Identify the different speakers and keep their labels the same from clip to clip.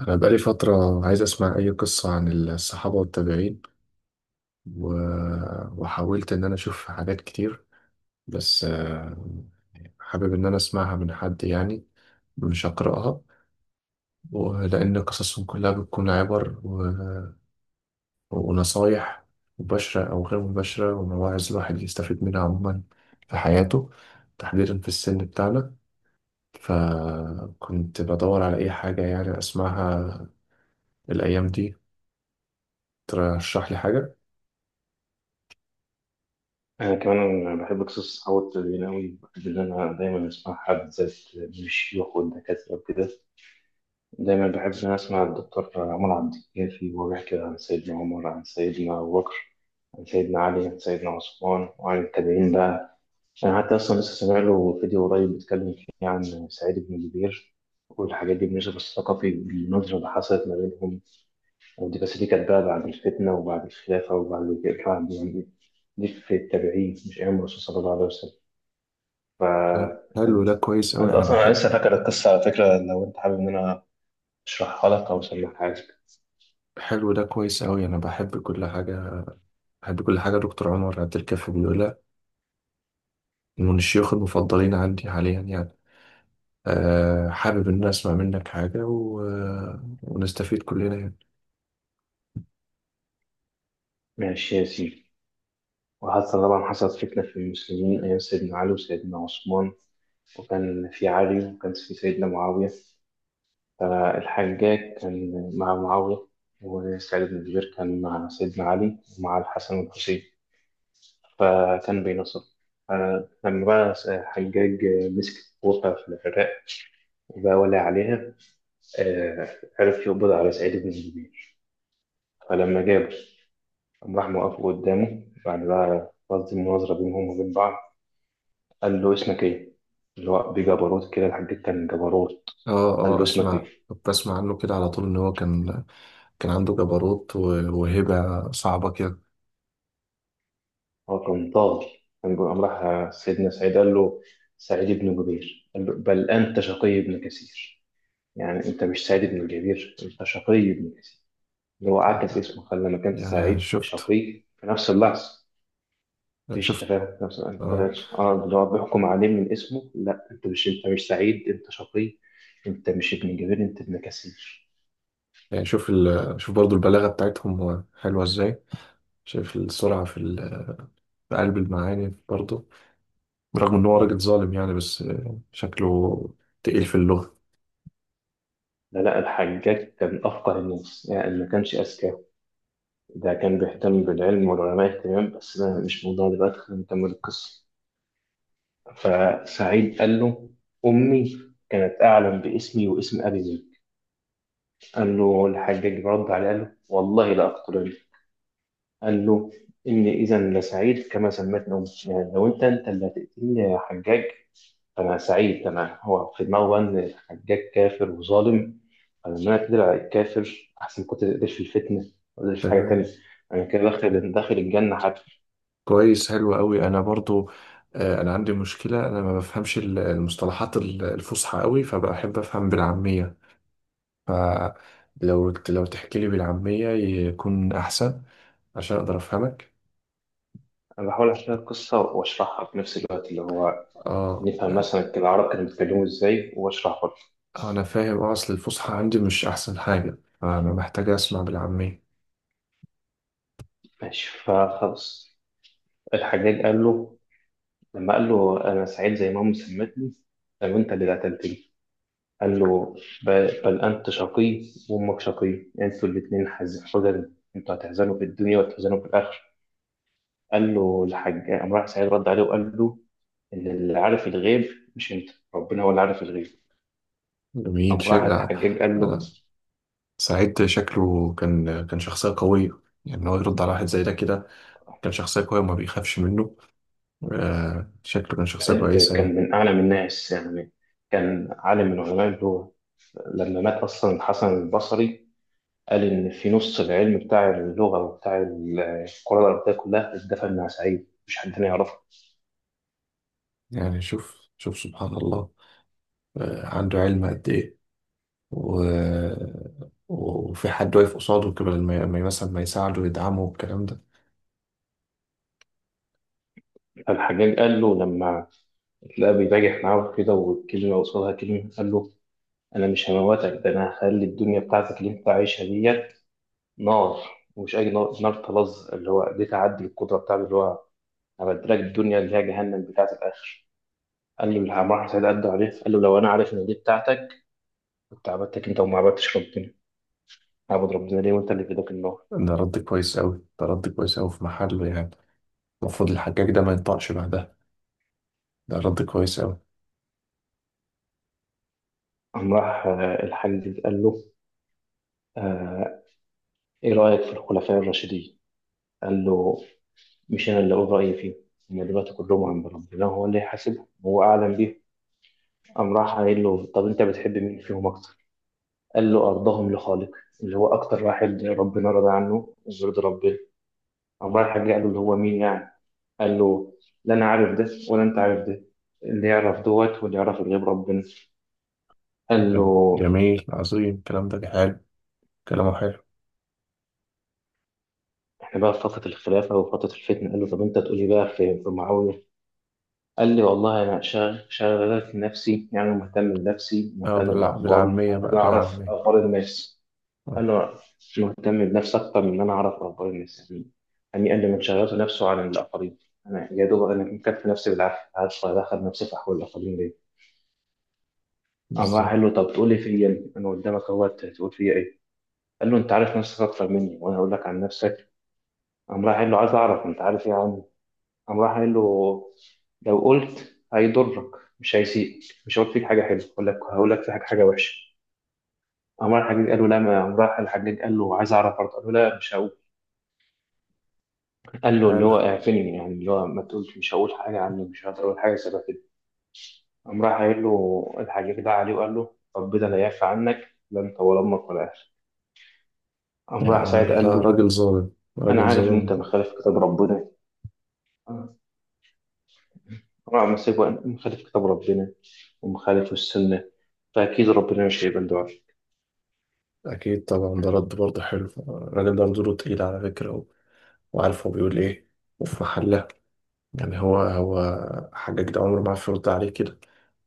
Speaker 1: أنا بقالي فترة عايز أسمع أي قصة عن الصحابة والتابعين. و... وحاولت إن أنا أشوف حاجات كتير، بس حابب إن أنا أسمعها من حد، يعني مش أقرأها، ولأن قصصهم كلها بتكون عبر ونصايح مباشرة أو غير مباشرة ومواعظ الواحد يستفيد منها عموما في حياته، تحديدا في السن بتاعنا. فكنت بدور على أي حاجة يعني أسمعها الأيام دي، ترشح لي حاجة.
Speaker 2: أنا كمان بحب قصص الصحاب والتدريبين أوي، بحب إن أنا دايما أسمع حد زي من الشيوخ والدكاترة وكده. دايما بحب إن أنا أسمع الدكتور عمر عبد الكافي وهو بيحكي عن سيدنا عمر، عن سيدنا أبو بكر، عن سيدنا علي، عن سيدنا عثمان، وعن التابعين بقى. أنا حتى أصلا لسه سامع له فيديو قريب بيتكلم فيه عن سعيد بن جبير والحاجات دي، بالنسبة الثقافي بالنظرة اللي حصلت ما بينهم. ودي بس دي كانت بقى بعد الفتنة وبعد الخلافة وبعد يعني دي في التابعين، مش أيام الرسول صلى الله عليه وسلم. ف
Speaker 1: حلو،
Speaker 2: انت
Speaker 1: ده كويس أوي،
Speaker 2: انت
Speaker 1: أنا
Speaker 2: اصلا انا
Speaker 1: بحب.
Speaker 2: لسه فاكر القصه على فكره، لو انت حابب ان انا اشرحها لك او اسمعها لك.
Speaker 1: حلو، ده كويس أوي، أنا بحب كل حاجة، بحب كل حاجة دكتور عمر عبد الكافي بيقولها، من الشيوخ المفضلين عندي حاليا يعني. أه حابب إن أنا أسمع منك حاجة و... آه، ونستفيد كلنا يعني.
Speaker 2: ماشي يا سيدي، وحصل طبعا، حصلت فتنه في المسلمين ايام سيدنا علي وسيدنا عثمان، وكان في علي وكان في سيدنا معاويه. فالحجاج كان مع معاويه، وسعيد بن جبير كان مع سيدنا علي ومع الحسن والحسين، فكان بينصر. فلما بقى الحجاج مسك وقع في العراق وبقى ولي عليها، آه، عرف يقبض على سعيد بن جبير. فلما جابه، قام راح موقفه قدامه، بعد بقى قصد المناظرة بينهم وبين بعض، قال له: اسمك ايه؟ اللي هو بجبروت كده، الحاج كان جبروت. قال
Speaker 1: أه أه
Speaker 2: له: اسمك
Speaker 1: أسمع،
Speaker 2: ايه؟
Speaker 1: كنت بسمع عنه كده على طول إن هو كان، كان عنده جبروت وهبة صعبة كده.
Speaker 2: هو كان طاغي. قام راح سيدنا سعيد قال له، سعيد بن جبير قال له: بل أنت شقي بن كثير. يعني أنت مش سعيد بن جبير، أنت شقي بن كثير. اللي هو عكس اسمه، خلى مكان
Speaker 1: يعني
Speaker 2: سعيد
Speaker 1: شفت
Speaker 2: شقي في نفس اللحظة. مفيش
Speaker 1: شفت
Speaker 2: تفاهم في نفس انت.
Speaker 1: أه.
Speaker 2: اه، اللي هو بيحكم عليه من اسمه. لا انت مش، انت مش سعيد، انت شقي. انت مش ابن جبير، انت ابن كثير.
Speaker 1: يعني شوف برضو البلاغة بتاعتهم حلوة إزاي، شايف السرعة في قلب المعاني برضو، برغم ان هو
Speaker 2: مم.
Speaker 1: راجل ظالم يعني، بس شكله تقيل في اللغة.
Speaker 2: لا الحجاج كان افقه الناس يعني، ما كانش اذكى. ده كان بيهتم بالعلم والعلماء اهتمام، بس ده مش موضوع دلوقتي، خلينا نكمل القصه. فسعيد قال له: امي كانت اعلم باسمي واسم ابي زيد. قال له الحجاج رد عليه قال له: والله لا اقتلن. قال له: إني إذا لسعيد كما سمتني أمي. يعني لو أنت، أنت اللي هتقتلني يا حجاج، فأنا سعيد. أنا هو في دماغه بقى إن الحجاج كافر وظالم، فلما أنا أقدر على الكافر أحسن، كنت تقدرش في الفتنة، ما تقدرش في حاجة
Speaker 1: تمام.
Speaker 2: تانية. أنا كده داخل، داخل الجنة حتى.
Speaker 1: كويس حلو قوي، انا برضو انا عندي مشكلة، انا ما بفهمش المصطلحات الفصحى قوي، فبحب افهم بالعامية، فلو تحكي لي بالعامية يكون احسن عشان اقدر افهمك.
Speaker 2: أنا بحاول أحكي القصة وأشرحها في نفس الوقت، اللي هو
Speaker 1: اه،
Speaker 2: نفهم مثلا العرب كانوا بيتكلموا إزاي، وأشرح برضه.
Speaker 1: انا فاهم. اه، اصل الفصحى
Speaker 2: آه،
Speaker 1: عندي مش احسن حاجة، فانا محتاج اسمع بالعامية.
Speaker 2: ماشي فخلاص. الحجاج قال له لما قال له أنا سعيد زي ما أمي سمتني، لو أنت اللي قتلتني، قال له: ب- بل أنت شقي وأمك شقي، أنتوا الاتنين حزن، أنتوا هتحزنوا في الدنيا وتحزنوا في الآخرة. قال له الحاج، قام راح سعيد رد عليه وقال له: إن اللي عارف الغيب مش أنت، ربنا هو اللي عارف الغيب.
Speaker 1: جميل
Speaker 2: قام راح
Speaker 1: شكل.
Speaker 2: الحجاج قال له،
Speaker 1: انا سعيد شكله كان شخصية قوية، يعني إن هو يرد على واحد زي ده كده، كان شخصية قوية وما بيخافش منه. شكله كان شخصية
Speaker 2: سعيد
Speaker 1: كويسة
Speaker 2: كان
Speaker 1: يعني.
Speaker 2: من أعلم الناس يعني، كان عالم من علماء اللغة. لما مات أصلا الحسن البصري قال إن في نص العلم بتاع اللغة وبتاع القراءة العربية كلها اتدفن مع سعيد، مش حد تاني يعرفه.
Speaker 1: يعني شوف شوف سبحان الله، عنده علم قد إيه. و... وفي حد واقف قصاده كده لما ما مثلا ما يساعده ويدعمه والكلام ده.
Speaker 2: فالحجاج قال له لما لا، بيباجح معاه كده والكلمة قصادها كلمة، قال له: أنا مش هموتك، ده أنا هخلي الدنيا بتاعتك اللي أنت عايشها ديت نار. ومش أي نار، نار طلظ، اللي هو دي تعدي القدرة بتاعته اللي هو هبدلك الدنيا اللي هي جهنم بتاعة الآخر. قال له العمار سعيد قد عليه قال له: لو أنا عارف إن دي بتاعتك، كنت عبدتك أنت وما عبدتش ربنا. عبد ربنا ليه وأنت اللي في ايدك النار؟
Speaker 1: ده رد كويس أوي، ده رد كويس أوي، في محله يعني، المفروض الحجاج ده ما ينطقش بعدها، ده رد كويس أوي.
Speaker 2: قام راح الحاج قال له، آه، إيه رأيك في الخلفاء الراشدين؟ قال له: مش أنا اللي أقول رأيي فيه، هم دلوقتي كلهم عند ربنا، هو اللي يحاسبهم، هو أعلم بيهم. قام راح قايل له: طب أنت بتحب مين فيهم أكتر؟ قال له: أرضهم لخالق. اللي هو أكتر واحد ربنا رضى عنه ويرضي ربنا. قام رايح رجع له: اللي هو مين يعني؟ قال له: لا أنا عارف ده، ولا أنت عارف ده. اللي يعرف دوت واللي يعرف غير ربنا. قال له:
Speaker 1: جميل، عظيم، الكلام ده حلو، كلامه حلو.
Speaker 2: احنا بقى في فترة الخلافة وفترة الفتنة، قال له: طب انت تقولي بقى في معاوية. قال لي: والله انا شغال نفسي، يعني مهتم بنفسي،
Speaker 1: اه،
Speaker 2: مهتم باخباري،
Speaker 1: بالعامية
Speaker 2: ان
Speaker 1: بقى،
Speaker 2: انا اعرف
Speaker 1: بالعامية،
Speaker 2: اخبار الناس.
Speaker 1: آه،
Speaker 2: انا مهتم بنفسي اكتر من ان انا اعرف اخبار الناس يعني. يعني قال لي: من شغلت نفسه عن الاخرين، انا يا دوب انا مكفي نفسي بالعافيه، عارف ادخل نفسي في احوال الاخرين ليه. قام راح
Speaker 1: بالظبط.
Speaker 2: قال له: طب تقول لي فيا إيه؟ انا قدامك اهوت، هتقول فيا ايه. قال له: انت عارف نفسك اكتر مني، وانا اقول لك عن نفسك. قام راح قال له: عايز اعرف انت عارف ايه عني. قام راح قال له: لو قلت هيضرك، مش هيسيئك، مش هقول فيك حاجه حلوه، هقول لك، هقول لك في حاجه، حاجه وحشه. قام راح الحجاج قال له: لا، ما قام راح الحجاج قال له عايز اعرف برضه، قال له: لا مش هقول. قال له اللي
Speaker 1: حلو،
Speaker 2: هو اعفني، يعني اللي هو ما تقولش، مش هقول حاجه عني، مش هقدر اقول حاجه شبه كده. قام راح قايل له الحجاج ده عليه وقال له: ربنا لا يعفى عنك، لا انت ولا امك ولا اهلك. قام
Speaker 1: يعني
Speaker 2: راح سعيد قال له:
Speaker 1: راجل ظالم،
Speaker 2: انا
Speaker 1: راجل
Speaker 2: عارف ان انت
Speaker 1: ظالم.
Speaker 2: مخالف كتاب ربنا. قام راح مسكه، مخالف كتاب ربنا ومخالف السنه، فاكيد ربنا مش هيقبل دعاء.
Speaker 1: أكيد طبعا، ده رد برضه حلو، الراجل ده نزوله تقيل على فكرة، وعارف هو بيقول إيه وفي محله. يعني هو هو، حجاج ده عمره ما عرف يرد عليه كده،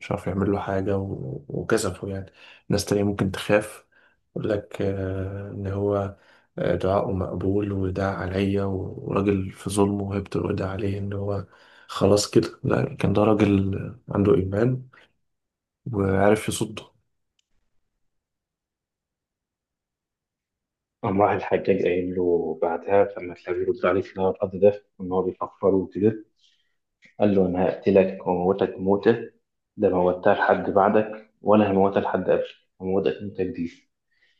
Speaker 1: مش عارف يعمل له حاجة وكسفه يعني. ناس تانية ممكن تخاف يقول لك إن هو دعاؤه مقبول وده عليا وراجل في ظلمه وهيبته، وده عليه إن هو، خلاص كده. لا، كان ده راجل عنده إيمان وعارف يصده.
Speaker 2: قام راح الحجاج قايل له بعدها لما تلاقيه يرد عليه في الهواء الأرض ده إن هو بيفكر وكده، قال له: أنا هقتلك وأموتك موتة ده ما موتها لحد بعدك ولا هموتها لحد قبلك، هموتك موتة جديدة.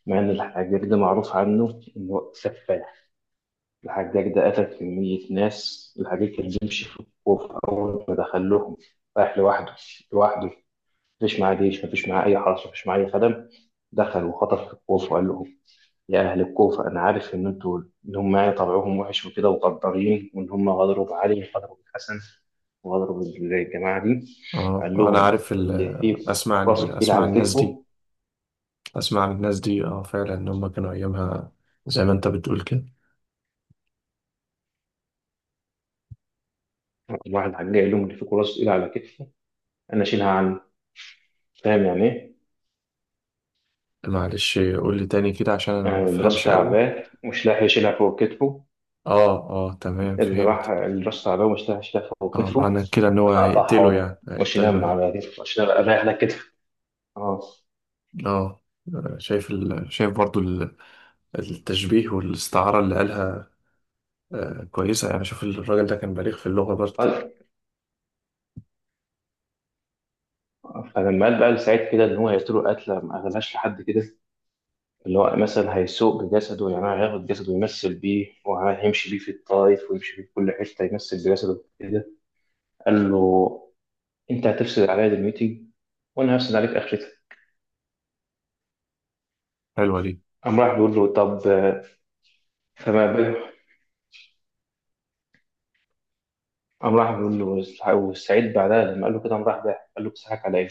Speaker 2: مع إن الحجاج ده معروف عنه إنه سفاح، الحجاج ده قتل كمية ناس. الحجاج كان بيمشي في الخوف أول ما دخلهم رايح لوحده، لوحده، مفيش معاه جيش، مفيش معاه أي حرس، مفيش معاه أي خدم. دخل وخطف في الخوف وقال لهم: يا أهل الكوفة، أنا عارف إن أنتوا، إن هم يعني طبعهم وحش وكده وغدارين، وإن هم غدروا بعلي وغدروا بالحسن وغدروا بالجماعة دي.
Speaker 1: اه،
Speaker 2: قال
Speaker 1: انا
Speaker 2: لهم:
Speaker 1: عارف
Speaker 2: اللي فيكم
Speaker 1: اسمع عن
Speaker 2: راسه تقيل
Speaker 1: اسمع عن
Speaker 2: على
Speaker 1: الناس دي،
Speaker 2: كتفه.
Speaker 1: اسمع من الناس دي، اه فعلا ان هم كانوا ايامها زي ما انت بتقول كده.
Speaker 2: واحد حاج قال لهم: اللي فيكم راسه تقيل على كتفه أنا أشيلها عنه. فاهم يعني إيه؟
Speaker 1: معلش قول لي تاني كده عشان انا ما
Speaker 2: يعني اللي راسه
Speaker 1: بفهمش قوي.
Speaker 2: تعبان مش لاحق يشيلها فوق كتفه.
Speaker 1: اه اه، تمام،
Speaker 2: اللي راح،
Speaker 1: فهمت.
Speaker 2: اللي راسه تعبان مش لاحق يشيلها فوق
Speaker 1: اه،
Speaker 2: كتفه،
Speaker 1: معنى كده ان هو
Speaker 2: أنا أقطعها
Speaker 1: هيقتله
Speaker 2: له
Speaker 1: يعني، هيقتله
Speaker 2: وأشيلها
Speaker 1: يعني.
Speaker 2: على كتفه، وأشيلها أريح على كتفه. أه.
Speaker 1: اه، شايف برضو التشبيه والاستعارة اللي قالها. كويسة يعني، شوف الراجل ده كان بليغ في اللغة برضه.
Speaker 2: قال- فلما قال بقى لسعيد كده ان هو هيقتله قتله ما قالهاش لحد كده، اللي هو مثلا هيسوق بجسده، يعني هياخد جسده يمثل بيه وهيمشي بيه في الطائف ويمشي بيه في كل حتة، يمثل بجسده كده. قال له: أنت هتفسد عليا دنيتي، وأنا هفسد عليك آخرتك.
Speaker 1: حلوة دي.
Speaker 2: قام راح بيقول له: طب فما بالك. قام راح بيقول له، والسعيد بعدها لما قال له كده قام راح ضحك، قال له: بتضحك على إيه؟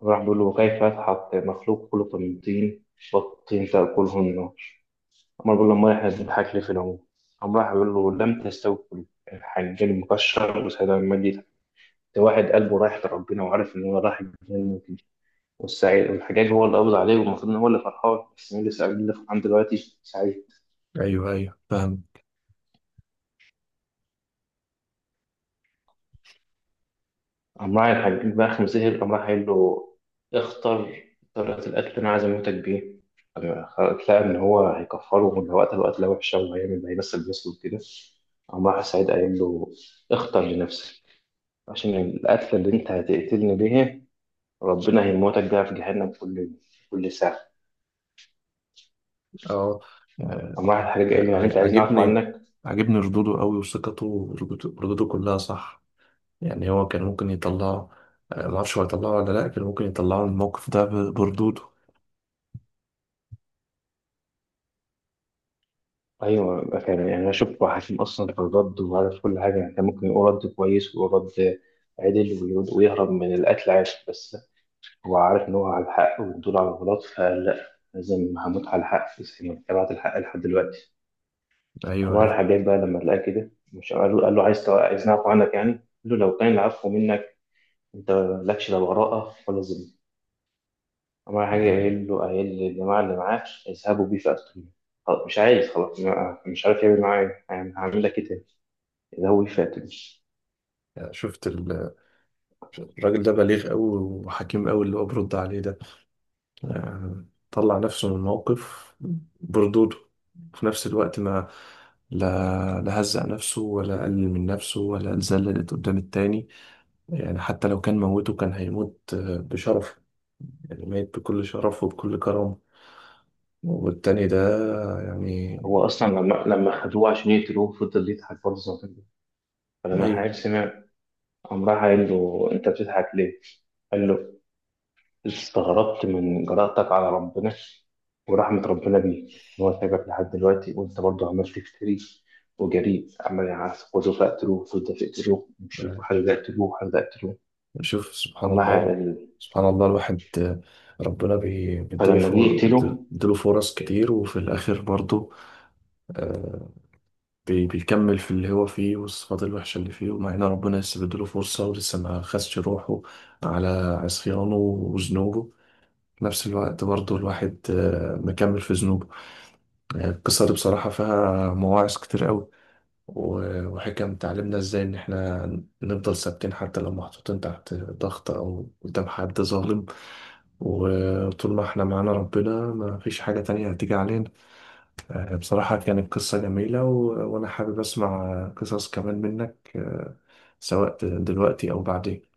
Speaker 2: قام راح بيقول له: وكيف يضحك مخلوق خلق من طين والطين تأكله النار. قام بيقول له: أمال إحنا بنضحك ليه في العموم؟ قام راح بيقول له: لم تستوي الحنجان المكشر وسعيد المجلس. ده واحد قلبه رايح لربنا وعارف ان هو رايح الجنه وكده، والسعيد، والحجاج هو اللي قبض عليه والمفروض ان هو اللي فرحان، بس مين اللي سعيد اللي فرحان دلوقتي؟ سعيد.
Speaker 1: ايوه ايوه، فاهم.
Speaker 2: قام راح الحجاج بقى خمسة سهر قام راح قايل له: اختر طريقة القتل اللي انا عايز اموتك بيه. لقى ان هو هيكفره وان وقت القتلة وحشة وهيعمل هيمثل نفسه وكده. قام راح سعيد قايل له: اختر لنفسك، عشان القتلة اللي انت هتقتلني بيها ربنا هيموتك بيها في جهنم كل، كل ساعة.
Speaker 1: اه،
Speaker 2: قام
Speaker 1: آه،
Speaker 2: راح الحجاج قايل له: يعني انت
Speaker 1: ع-
Speaker 2: عايز نعرف
Speaker 1: عاجبني
Speaker 2: عنك.
Speaker 1: عاجبني ردوده قوي، وثقته، وردوده كلها صح. يعني هو كان ممكن يطلعه، ما اعرفش هو يطلعه ولا لا، كان ممكن يطلعه من الموقف ده بردوده.
Speaker 2: ايوه بقى فعلا، يعني انا شفت حكيم اصلا في الرد وعارف كل حاجه، يعني كان ممكن يقول رد كويس ويقول رد عدل ويهرب من القتل عادي، بس هو عارف ان هو على الحق ودول على الغلط، فلا لازم هموت على الحق بس، يعني تبعت الحق لحد دلوقتي.
Speaker 1: ايوه
Speaker 2: عمر
Speaker 1: ايوه.
Speaker 2: الحجاج بقى لما لقاه كده مش قال له، قال له: عايز عايز نعفو عنك. يعني قال له: لو كان العفو منك انت، مالكش لا براءه ولا ذمه. عمر الحجاج قايل له، قايل للجماعه اللي معاه: اذهبوا بيه فاقتلوه. خلاص، مش عايز، خلاص. مش عارف يعمل معاه إيه. يعني هعمل لك ايه تاني، ده هو فاتن.
Speaker 1: يعني شفت الراجل ده بليغ قوي وحكيم قوي، اللي هو برد عليه ده. آه، طلع نفسه من الموقف بردوده، في نفس الوقت ما لا لا هزق نفسه ولا قلل من نفسه ولا اتذللت قدام التاني. يعني حتى لو كان موته كان هيموت بشرف، يعني ميت بكل شرف وبكل كرامة، والتاني ده، يعني.
Speaker 2: هو اصلا لما خدوه عشان يقتلوه فضل يضحك برضه زي ما كان بيضحك. فلما الحاج
Speaker 1: أيوه،
Speaker 2: سمع قام راح قال له: انت بتضحك ليه؟ قال له: استغربت من جرأتك على ربنا ورحمة ربنا بيك، إن هو سايبك لحد دلوقتي وأنت برضه عمال تفتري وجريء، عمال يعسكروا فاقتلوه، فضل فاقتلوه مش عارف حد يقتلوه، حد يقتلوه.
Speaker 1: شوف سبحان
Speaker 2: أما
Speaker 1: الله، سبحان الله. الواحد ربنا بي- بيديله
Speaker 2: فلما جه
Speaker 1: فر- بيد-
Speaker 2: يقتله
Speaker 1: بيديله فرص كتير، وفي الآخر برضه آه، بيكمل في اللي هو فيه، والصفات الوحشة اللي فيه، ومع إن ربنا لسه بيديله فرصة ولسه ما خدش روحه على عصيانه وذنوبه، في نفس الوقت برضه الواحد مكمل في ذنوبه. يعني القصة دي بصراحة فيها مواعظ كتير قوي، وحكم تعلمنا إزاي إن إحنا نفضل ثابتين حتى لو محطوطين تحت ضغط أو قدام حد ظالم. وطول ما احنا معانا ربنا ما فيش حاجة تانية هتيجي علينا. بصراحة كانت قصة جميلة، وأنا حابب أسمع قصص كمان منك، سواء دلوقتي أو بعدين.